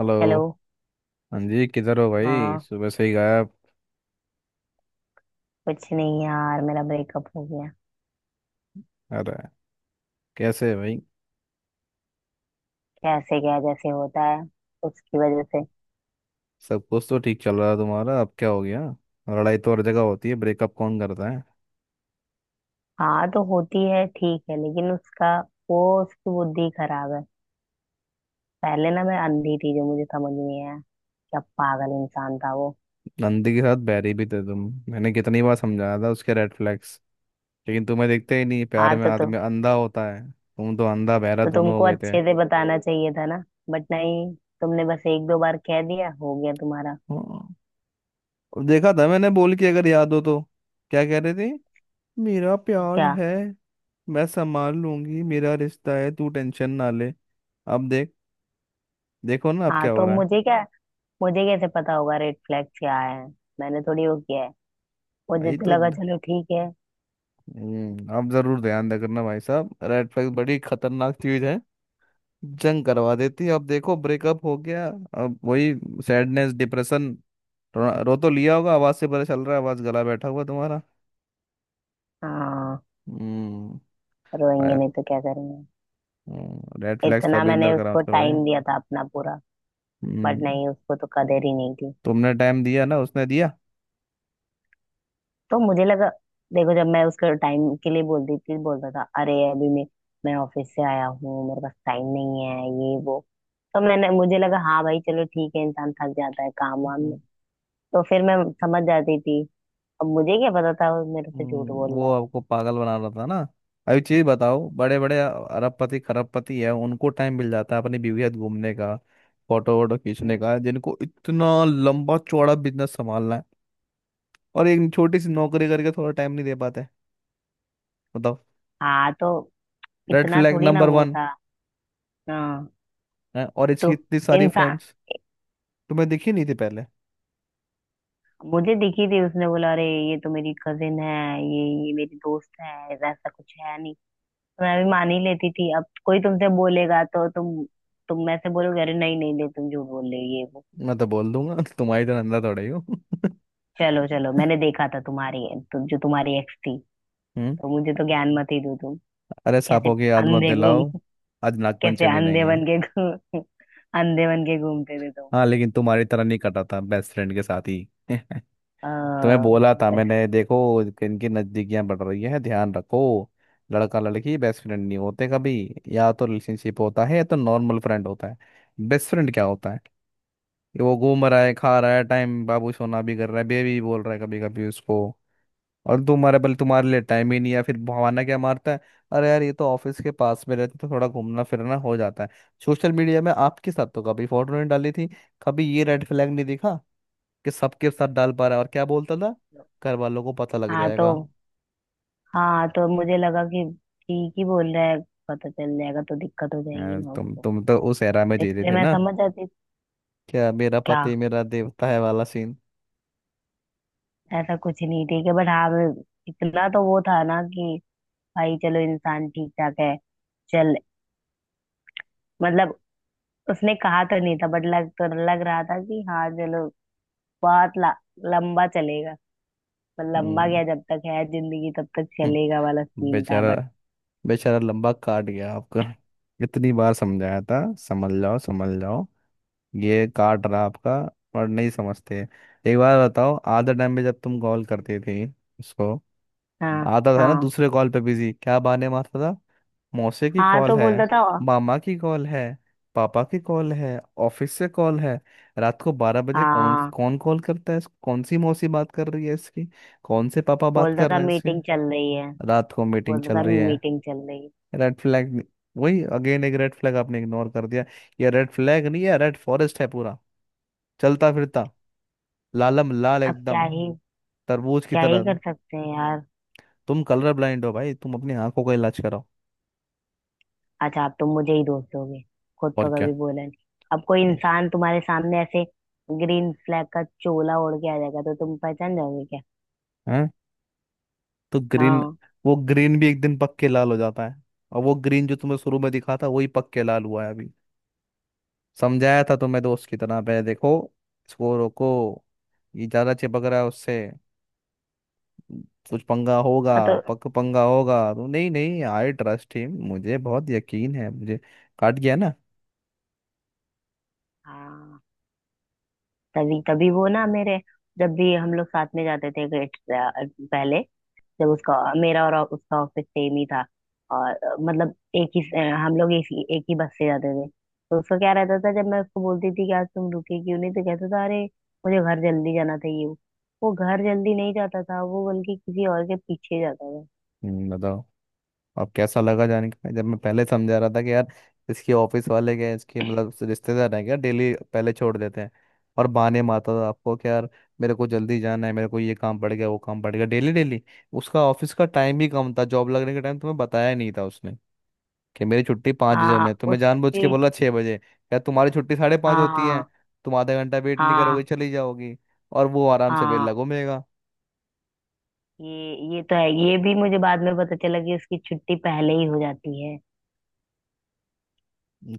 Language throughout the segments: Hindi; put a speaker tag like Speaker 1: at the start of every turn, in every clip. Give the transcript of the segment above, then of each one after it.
Speaker 1: हेलो।
Speaker 2: हेलो।
Speaker 1: हाँ जी, किधर हो भाई,
Speaker 2: हाँ
Speaker 1: सुबह से ही गायब।
Speaker 2: कुछ नहीं यार, मेरा ब्रेकअप हो गया।
Speaker 1: अरे, कैसे है भाई?
Speaker 2: कैसे क्या, जैसे होता है। उसकी वजह से।
Speaker 1: सब कुछ तो ठीक चल रहा है तुम्हारा, अब क्या हो गया? लड़ाई तो हर जगह होती है, ब्रेकअप कौन करता है?
Speaker 2: हाँ तो होती है ठीक है, लेकिन उसका वो उसकी बुद्धि खराब है। पहले ना मैं अंधी थी, जो मुझे समझ नहीं आया क्या पागल इंसान था वो।
Speaker 1: नंदी के साथ बैरी भी थे तुम। मैंने कितनी बार समझाया था उसके रेड फ्लैग्स, लेकिन तुम्हें दिखते ही नहीं।
Speaker 2: हाँ
Speaker 1: प्यार में
Speaker 2: तो,
Speaker 1: आदमी
Speaker 2: तो,
Speaker 1: अंधा होता है, तुम तो अंधा बहरा
Speaker 2: तो
Speaker 1: दोनों हो
Speaker 2: तुमको
Speaker 1: गए थे।
Speaker 2: अच्छे से बताना चाहिए था ना। बट नहीं, तुमने बस एक दो बार कह दिया हो गया तुम्हारा।
Speaker 1: हाँ, और देखा था मैंने बोल के, अगर याद हो तो। क्या कह रहे थे? मेरा प्यार
Speaker 2: क्या।
Speaker 1: है, मैं संभाल लूंगी, मेरा रिश्ता है, तू टेंशन ना ले। अब देख, देखो ना अब
Speaker 2: हाँ
Speaker 1: क्या हो
Speaker 2: तो
Speaker 1: रहा है।
Speaker 2: मुझे क्या, मुझे कैसे पता होगा रेड फ्लैग क्या है। मैंने थोड़ी वो किया है। मुझे
Speaker 1: भाई,
Speaker 2: तो
Speaker 1: तो
Speaker 2: लगा चलो ठीक है।
Speaker 1: आप जरूर ध्यान दे करना भाई साहब। रेड फ्लैग बड़ी खतरनाक चीज है, जंग करवा देती है। अब देखो, ब्रेकअप हो गया। अब वही सैडनेस, डिप्रेशन। रो, रो तो लिया होगा, आवाज से पता चल रहा है, आवाज गला बैठा हुआ तुम्हारा।
Speaker 2: हाँ।
Speaker 1: हम्म।
Speaker 2: रोएंगे
Speaker 1: फायर।
Speaker 2: नहीं तो क्या करेंगे।
Speaker 1: रेड फ्लैग्स का
Speaker 2: इतना
Speaker 1: बिगनर
Speaker 2: मैंने
Speaker 1: करा
Speaker 2: उसको
Speaker 1: करो भाई।
Speaker 2: टाइम दिया था अपना पूरा। बट
Speaker 1: हम्म
Speaker 2: नहीं, उसको तो कदर ही नहीं थी।
Speaker 1: तुमने टाइम दिया, ना उसने दिया?
Speaker 2: तो मुझे लगा। देखो, जब मैं उसके टाइम के लिए बोलती थी बोलता था अरे अभी मैं ऑफिस से आया हूँ, मेरे पास टाइम नहीं है ये वो। तो मैंने मुझे लगा हाँ भाई चलो ठीक है, इंसान थक जाता है काम वाम में। तो फिर मैं समझ जाती थी। अब मुझे क्या पता था वो मेरे से झूठ बोल
Speaker 1: वो
Speaker 2: रहा
Speaker 1: आपको पागल बना रहा था ना। अभी चीज बताओ, बड़े बड़े अरबपति खरबपति है, उनको टाइम मिल जाता है अपनी बीवी के साथ घूमने का, फोटो वोटो
Speaker 2: है।
Speaker 1: खींचने का, जिनको इतना लंबा चौड़ा बिजनेस संभालना है। और एक छोटी सी नौकरी करके थोड़ा टाइम नहीं दे पाते? बताओ।
Speaker 2: हाँ तो
Speaker 1: रेड
Speaker 2: इतना
Speaker 1: फ्लैग
Speaker 2: थोड़ी ना
Speaker 1: नंबर
Speaker 2: वो
Speaker 1: 1
Speaker 2: था। हाँ
Speaker 1: है। और इसकी
Speaker 2: तो
Speaker 1: इतनी सारी
Speaker 2: इंसान।
Speaker 1: फ्रेंड्स, तुम्हें दिखी नहीं थी पहले?
Speaker 2: मुझे दिखी थी, उसने बोला अरे ये तो मेरी कजिन है, ये मेरी दोस्त है, ऐसा कुछ है नहीं। तो मैं भी मान ही लेती थी। अब कोई तुमसे बोलेगा तो तुम मैं से बोलोगे अरे नहीं नहीं नहीं तुम झूठ बोल रहे हो ये वो।
Speaker 1: मैं तो बोल दूंगा तुम्हारी तो नंदा थोड़े ही हो।
Speaker 2: चलो चलो, मैंने देखा था तुम्हारी। तुम जो तुम्हारी एक्स थी,
Speaker 1: हम्म।
Speaker 2: तो मुझे तो ज्ञान मत ही दो तुम।
Speaker 1: अरे,
Speaker 2: कैसे
Speaker 1: सांपों की याद मत
Speaker 2: अंधे घूम
Speaker 1: दिलाओ, आज
Speaker 2: कैसे
Speaker 1: नागपंचमी नहीं
Speaker 2: अंधे
Speaker 1: है।
Speaker 2: बन के घूम अंधे बन के घूमते थे तुम।
Speaker 1: हाँ, लेकिन तुम्हारी तरह नहीं कटा था बेस्ट फ्रेंड के साथ ही। तुम्हें
Speaker 2: आ,
Speaker 1: बोला था
Speaker 2: बस।
Speaker 1: मैंने, देखो इनकी नजदीकियां बढ़ रही है, ध्यान रखो। लड़का लड़की बेस्ट फ्रेंड नहीं होते कभी। या तो रिलेशनशिप होता है, या तो नॉर्मल फ्रेंड होता है। बेस्ट फ्रेंड क्या होता है कि वो घूम रहा है, खा रहा है, टाइम, बाबू सोना भी कर रहा है, बेबी बोल रहा है कभी कभी उसको, और तुम्हारे पहले, तुम्हारे लिए टाइम ही नहीं है। फिर बहाना क्या मारता है? अरे यार, ये तो ऑफिस के पास में रहते तो थोड़ा घूमना फिरना हो जाता है। सोशल मीडिया में आपके साथ तो कभी फोटो नहीं डाली थी, कभी ये रेड फ्लैग नहीं दिखा कि सबके साथ डाल पा रहा है। और क्या बोलता था?
Speaker 2: तो-
Speaker 1: घर वालों को पता लग
Speaker 2: हाँ तो
Speaker 1: जाएगा।
Speaker 2: हाँ तो मुझे लगा कि ठीक ही बोल रहा है, पता चल जाएगा तो दिक्कत हो जाएगी
Speaker 1: यार
Speaker 2: ना।
Speaker 1: तुम तो उस एरा में जी रहे
Speaker 2: इसलिए
Speaker 1: थे
Speaker 2: मैं
Speaker 1: ना,
Speaker 2: समझ जाती।
Speaker 1: क्या मेरा
Speaker 2: क्या।
Speaker 1: पति मेरा देवता है वाला सीन।
Speaker 2: ऐसा कुछ नहीं ठीक है, बट हाँ इतना तो वो था ना कि भाई चलो इंसान ठीक ठाक है। चल, मतलब उसने कहा तो नहीं था, बट लग तो लग रहा था कि हाँ चलो बहुत लंबा चलेगा। मतलब लंबा
Speaker 1: हम्म।
Speaker 2: क्या, जब तक है जिंदगी तब तक
Speaker 1: हम्म,
Speaker 2: चलेगा वाला सीन था
Speaker 1: बेचारा।
Speaker 2: बट।
Speaker 1: बेचारा लंबा काट गया आपका। इतनी बार समझाया था, समझ जाओ समझ जाओ, ये काट रहा आपका, और नहीं समझते। एक बार बताओ, आधा टाइम पे जब तुम कॉल करते थे उसको,
Speaker 2: हाँ
Speaker 1: आधा था ना
Speaker 2: हाँ।
Speaker 1: दूसरे कॉल पे बिजी, क्या बहाने मारता था? मौसे की
Speaker 2: हाँ
Speaker 1: कॉल
Speaker 2: तो
Speaker 1: है,
Speaker 2: बोलता था।
Speaker 1: मामा की कॉल है, पापा की कॉल है, ऑफिस से कॉल है। रात को 12 बजे कौन
Speaker 2: हाँ।
Speaker 1: कौन कॉल करता है? कौन सी मौसी बात कर रही है इसकी, कौन से पापा बात
Speaker 2: बोलता
Speaker 1: कर
Speaker 2: था
Speaker 1: रहे हैं इसके?
Speaker 2: मीटिंग चल रही है।
Speaker 1: रात को मीटिंग
Speaker 2: बोलता
Speaker 1: चल
Speaker 2: था
Speaker 1: रही है?
Speaker 2: मीटिंग चल रही है।
Speaker 1: Red flag. वही अगेन, एक रेड फ्लैग आपने इग्नोर कर दिया। ये रेड फ्लैग नहीं है, रेड फॉरेस्ट है पूरा, चलता फिरता, लालम लाल
Speaker 2: अब
Speaker 1: एकदम, तरबूज की
Speaker 2: क्या ही
Speaker 1: तरह।
Speaker 2: कर सकते हैं यार।
Speaker 1: तुम कलर ब्लाइंड हो भाई, तुम अपनी आंखों का इलाज कराओ।
Speaker 2: अच्छा, आप तो मुझे ही दोष दोगे, खुद
Speaker 1: और
Speaker 2: तो कभी बोला नहीं। अब कोई इंसान तुम्हारे सामने ऐसे ग्रीन फ्लैग का चोला ओढ़ के आ जाएगा तो तुम पहचान जाओगे क्या।
Speaker 1: क्या? तो ग्रीन?
Speaker 2: हाँ।
Speaker 1: वो ग्रीन भी एक दिन पक के लाल हो जाता है। और वो ग्रीन जो तुम्हें शुरू में दिखा था, वही पक के लाल हुआ है अभी। समझाया था तुम्हें दोस्त की तरह पे, देखो इसको रोको, ये ज्यादा चिपक रहा है उससे, कुछ पंगा होगा।
Speaker 2: हाँ तो।
Speaker 1: पक पंगा होगा तो नहीं नहीं, आई ट्रस्ट हिम, मुझे बहुत यकीन है मुझे। काट गया ना?
Speaker 2: हाँ तभी तभी वो ना मेरे जब भी हम लोग साथ में जाते थे ग्रेड। पहले जब उसका मेरा और उसका ऑफिस सेम ही था, और मतलब एक ही हम लोग एक ही बस से जाते थे, तो उसका क्या रहता था, जब मैं उसको बोलती थी कि आज तुम रुके क्यों नहीं तो कहता था अरे मुझे घर जल्दी जाना था ये वो। वो घर जल्दी नहीं जाता था, वो बल्कि किसी और के पीछे जाता था।
Speaker 1: बताओ। अब कैसा लगा जान के, जब मैं पहले समझा रहा था कि यार इसके ऑफिस वाले क्या इसके मतलब रिश्तेदार हैं, क्या डेली पहले छोड़ देते हैं? और बहाने मारता था आपको कि यार मेरे को जल्दी जाना है, मेरे को ये काम पड़ गया, वो काम पड़ गया, डेली डेली। उसका ऑफिस का टाइम भी कम था, जॉब लगने का टाइम तुम्हें बताया ही नहीं था उसने कि मेरी छुट्टी 5 बजे
Speaker 2: हाँ
Speaker 1: होने है। तुम्हें जानबूझ
Speaker 2: उसके
Speaker 1: के बोला 6 बजे। क्या तुम्हारी छुट्टी 5:30 होती
Speaker 2: हाँ
Speaker 1: है? तुम आधा घंटा वेट नहीं
Speaker 2: हाँ
Speaker 1: करोगे, चली जाओगी, और वो आराम से बेल
Speaker 2: हाँ।
Speaker 1: लगो मेगा।
Speaker 2: ये तो है, ये भी मुझे बाद में पता चला कि उसकी छुट्टी पहले ही हो जाती है।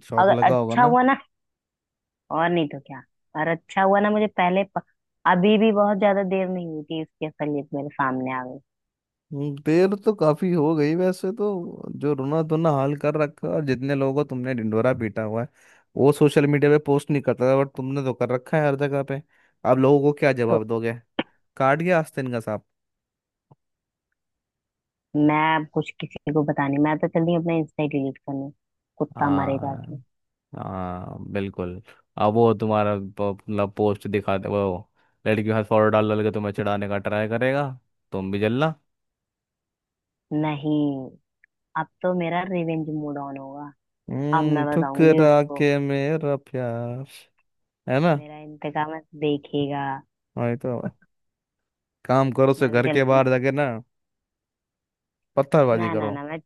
Speaker 1: शौक
Speaker 2: अगर
Speaker 1: लगा होगा
Speaker 2: अच्छा
Speaker 1: ना।
Speaker 2: हुआ ना। और नहीं तो क्या। और अच्छा हुआ ना, मुझे पहले अभी भी बहुत ज्यादा देर नहीं हुई थी, उसकी असलियत मेरे सामने आ गई।
Speaker 1: देर तो काफी हो गई वैसे तो, जो रोना धोना हाल कर रखा है, और जितने लोगों को तुमने ढिंढोरा पीटा हुआ है। वो सोशल मीडिया पे पोस्ट नहीं करता था, बट तुमने तो कर रखा है हर जगह पे। अब लोगों को क्या
Speaker 2: तो
Speaker 1: जवाब दोगे? काट गया आस्तीन का सांप।
Speaker 2: मैं अब कुछ किसी को बतानी, मैं तो चल रही हूँ अपना इंस्टा डिलीट करने। कुत्ता मरे जाके।
Speaker 1: हाँ, हाँ, बिल्कुल। अब वो तुम्हारा मतलब पोस्ट दिखाते, वो लड़की के हाथ फोटो डाल डाल के तुम्हें चढ़ाने का ट्राई करेगा, तुम भी जलना।
Speaker 2: नहीं, अब तो मेरा रिवेंज मूड ऑन होगा। अब मैं बताऊंगी
Speaker 1: ठुकरा
Speaker 2: उसको।
Speaker 1: के मेरा प्यार, है ना?
Speaker 2: मेरा इंतकाम है। देखेगा।
Speaker 1: वही तो, काम करो से
Speaker 2: मैं भी
Speaker 1: घर
Speaker 2: चल
Speaker 1: के
Speaker 2: रही हूँ।
Speaker 1: बाहर जाके ना, पत्थरबाजी
Speaker 2: ना ना
Speaker 1: करो।
Speaker 2: ना, मैं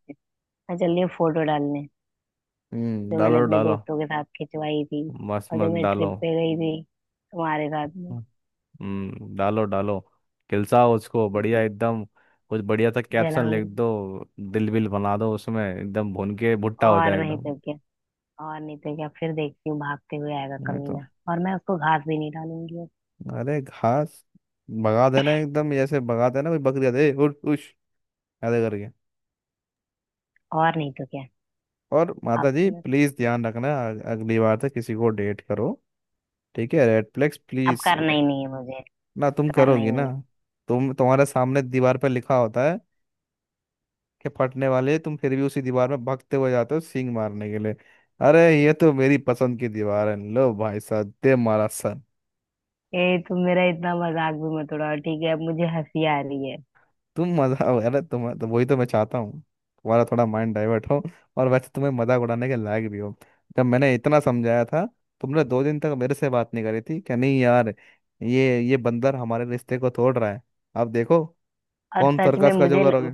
Speaker 2: मैं चल रही हूँ फोटो डालने, जो मैंने
Speaker 1: डालो
Speaker 2: अपने
Speaker 1: डालो।
Speaker 2: दोस्तों के साथ खिंचवाई थी,
Speaker 1: मस्त
Speaker 2: और जो
Speaker 1: मस्त
Speaker 2: मैं
Speaker 1: डालो।
Speaker 2: ट्रिप पे गई थी तुम्हारे साथ में।
Speaker 1: डालो डालो। खिलसाओ उसको बढ़िया एकदम, कुछ बढ़िया सा कैप्शन लिख
Speaker 2: जलाऊंगी।
Speaker 1: दो। दिल विल बना दो उसमें एकदम, भून के भुट्टा हो
Speaker 2: और
Speaker 1: जाए
Speaker 2: नहीं
Speaker 1: एकदम।
Speaker 2: तो क्या। और नहीं तो क्या, फिर देखती हूँ भागते हुए आएगा
Speaker 1: मैं तो,
Speaker 2: कमीना। और मैं उसको घास भी नहीं डालूंगी अब।
Speaker 1: अरे घास भगा देना एकदम, जैसे भगा देना कोई बकरी, आते ए उठ उश ऐसे करके।
Speaker 2: और नहीं तो क्या।
Speaker 1: और
Speaker 2: अब
Speaker 1: माता जी,
Speaker 2: तो मैं उसको
Speaker 1: प्लीज
Speaker 2: देख।
Speaker 1: ध्यान रखना अगली बार से किसी को डेट करो, ठीक है? रेड फ्लैग्स
Speaker 2: अब
Speaker 1: प्लीज।
Speaker 2: करना ही नहीं है मुझे।
Speaker 1: ना तुम
Speaker 2: करना ही
Speaker 1: करोगी ना।
Speaker 2: नहीं
Speaker 1: तुम, तुम्हारे सामने दीवार पर लिखा होता है के फटने वाले, तुम फिर भी उसी दीवार में भगते हुए जाते हो सींग मारने के लिए। अरे ये तो मेरी पसंद की दीवार है, लो भाई साहब दे मारा सर।
Speaker 2: है। ए, तुम मेरा इतना मजाक भी मत उड़ाओ ठीक है, अब मुझे हंसी आ रही है।
Speaker 1: तुम मजा, अरे तुम तो, वही तो मैं चाहता हूँ तुम्हारा थोड़ा माइंड डाइवर्ट हो, और वैसे तुम्हें मजाक उड़ाने के लायक भी हो। जब मैंने इतना समझाया था, तुमने 2 दिन तक मेरे से बात नहीं करी थी क्या? नहीं यार, ये बंदर हमारे रिश्ते को तोड़ रहा है। अब देखो,
Speaker 2: और
Speaker 1: कौन
Speaker 2: सच में
Speaker 1: सर्कस का जो
Speaker 2: मुझे
Speaker 1: करोगे
Speaker 2: ल-।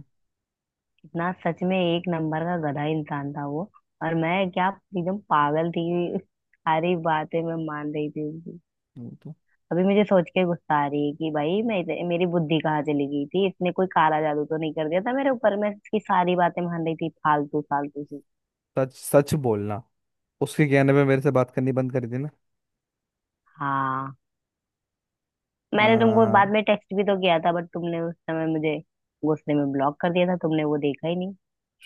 Speaker 2: इतना सच में एक नंबर का गधा इंसान था वो। और मैं क्या, एकदम पागल थी सारी बातें मैं मान रही थी उसकी।
Speaker 1: वो तो।
Speaker 2: अभी मुझे सोच के गुस्सा आ रही है कि भाई मेरी बुद्धि कहाँ चली गई थी, इसने कोई काला जादू तो नहीं कर दिया था मेरे ऊपर, मैं इसकी सारी बातें मान रही थी फालतू फालतू सी।
Speaker 1: सच सच बोलना, उसके कहने पे मेरे से बात करनी बंद करी थी
Speaker 2: हाँ मैंने तुमको बाद
Speaker 1: ना?
Speaker 2: में टेक्स्ट भी तो किया था, बट तुमने उस समय मुझे गुस्से में ब्लॉक कर दिया था, तुमने वो देखा ही नहीं।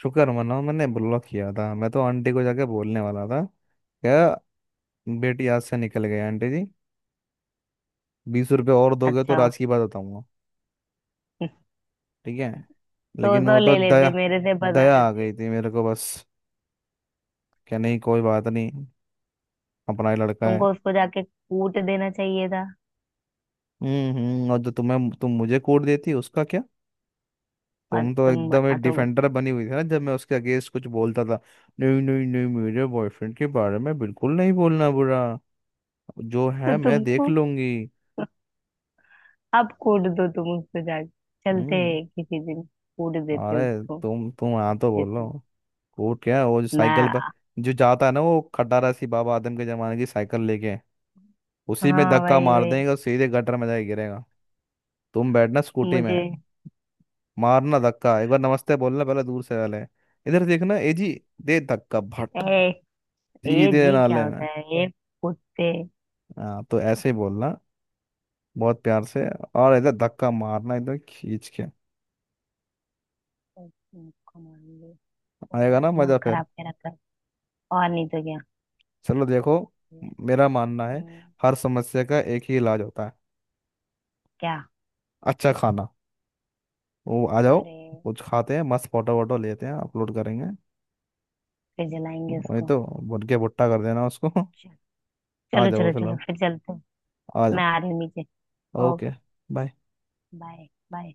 Speaker 1: शुक्र मनाओ मैंने ब्लॉक किया था, मैं तो आंटी को जाके बोलने वाला था क्या। बेटी आज से निकल गई आंटी जी, 20 रुपये और दोगे तो
Speaker 2: अच्छा
Speaker 1: राज की बात बताऊंगा। ठीक है,
Speaker 2: तो
Speaker 1: लेकिन
Speaker 2: तो
Speaker 1: वो तो
Speaker 2: ले
Speaker 1: दया,
Speaker 2: लेते, मेरे से बता
Speaker 1: दया आ
Speaker 2: देते।
Speaker 1: गई थी मेरे को बस। क्या, नहीं, कोई बात नहीं, अपना ही लड़का है।
Speaker 2: तुमको उसको जाके कूट देना चाहिए था।
Speaker 1: हम्म, और जो तुम्हें, तुम मुझे कोड देती उसका क्या?
Speaker 2: और
Speaker 1: तुम तो एकदम एक
Speaker 2: तुम
Speaker 1: डिफेंडर बनी हुई थी ना, जब मैं उसके अगेंस्ट कुछ बोलता था। नहीं नहीं नहीं, मेरे बॉयफ्रेंड के बारे में बिल्कुल नहीं बोलना बुरा, जो
Speaker 2: तो
Speaker 1: है मैं देख
Speaker 2: तुमको
Speaker 1: लूंगी।
Speaker 2: अब कूट दो तुम उसको जाके, चलते
Speaker 1: हम्म।
Speaker 2: हैं किसी दिन कूट देते हैं
Speaker 1: अरे,
Speaker 2: उसको
Speaker 1: तुम हाँ तो
Speaker 2: अच्छे से।
Speaker 1: बोलो। कूट क्या, वो जो साइकिल
Speaker 2: मैं,
Speaker 1: पर जो जाता है ना, वो खटारा सी बाबा आदम के जमाने की साइकिल लेके, उसी में
Speaker 2: हाँ
Speaker 1: धक्का
Speaker 2: वही
Speaker 1: मार
Speaker 2: वही,
Speaker 1: देगा, सीधे गटर में जाके गिरेगा। तुम बैठना स्कूटी में,
Speaker 2: मुझे
Speaker 1: मारना धक्का, एक बार नमस्ते बोलना पहले, दूर से पहले, इधर देखना, ए जी, दे धक्का भट,
Speaker 2: ए, ए
Speaker 1: सीधे
Speaker 2: जी क्या
Speaker 1: नाले में।
Speaker 2: होता है ए कुत्ते
Speaker 1: हाँ, तो ऐसे ही बोलना, बहुत प्यार से, और इधर धक्का मारना, इधर खींच के।
Speaker 2: कमांडो। वो
Speaker 1: आएगा
Speaker 2: मेरा
Speaker 1: ना
Speaker 2: दिमाग
Speaker 1: मजा फिर?
Speaker 2: खराब कह रखा है। और नहीं तो क्या।
Speaker 1: चलो देखो, मेरा मानना है
Speaker 2: हम्म,
Speaker 1: हर समस्या का एक ही इलाज होता है।
Speaker 2: क्या।
Speaker 1: अच्छा खाना, वो आ जाओ,
Speaker 2: अरे
Speaker 1: कुछ खाते हैं, मस्त फोटो वोटो लेते हैं, अपलोड करेंगे।
Speaker 2: फिर जलाएंगे
Speaker 1: वही
Speaker 2: उसको।
Speaker 1: तो, भुट के भुट्टा कर देना उसको।
Speaker 2: चल-
Speaker 1: आ
Speaker 2: चलो
Speaker 1: जाओ
Speaker 2: चलो चलो,
Speaker 1: फिलहाल,
Speaker 2: फिर चलते हैं।
Speaker 1: आ जाओ।
Speaker 2: मैं आ रही हूँ नीचे।
Speaker 1: Okay,
Speaker 2: okay.
Speaker 1: Bye.
Speaker 2: Bye. Bye.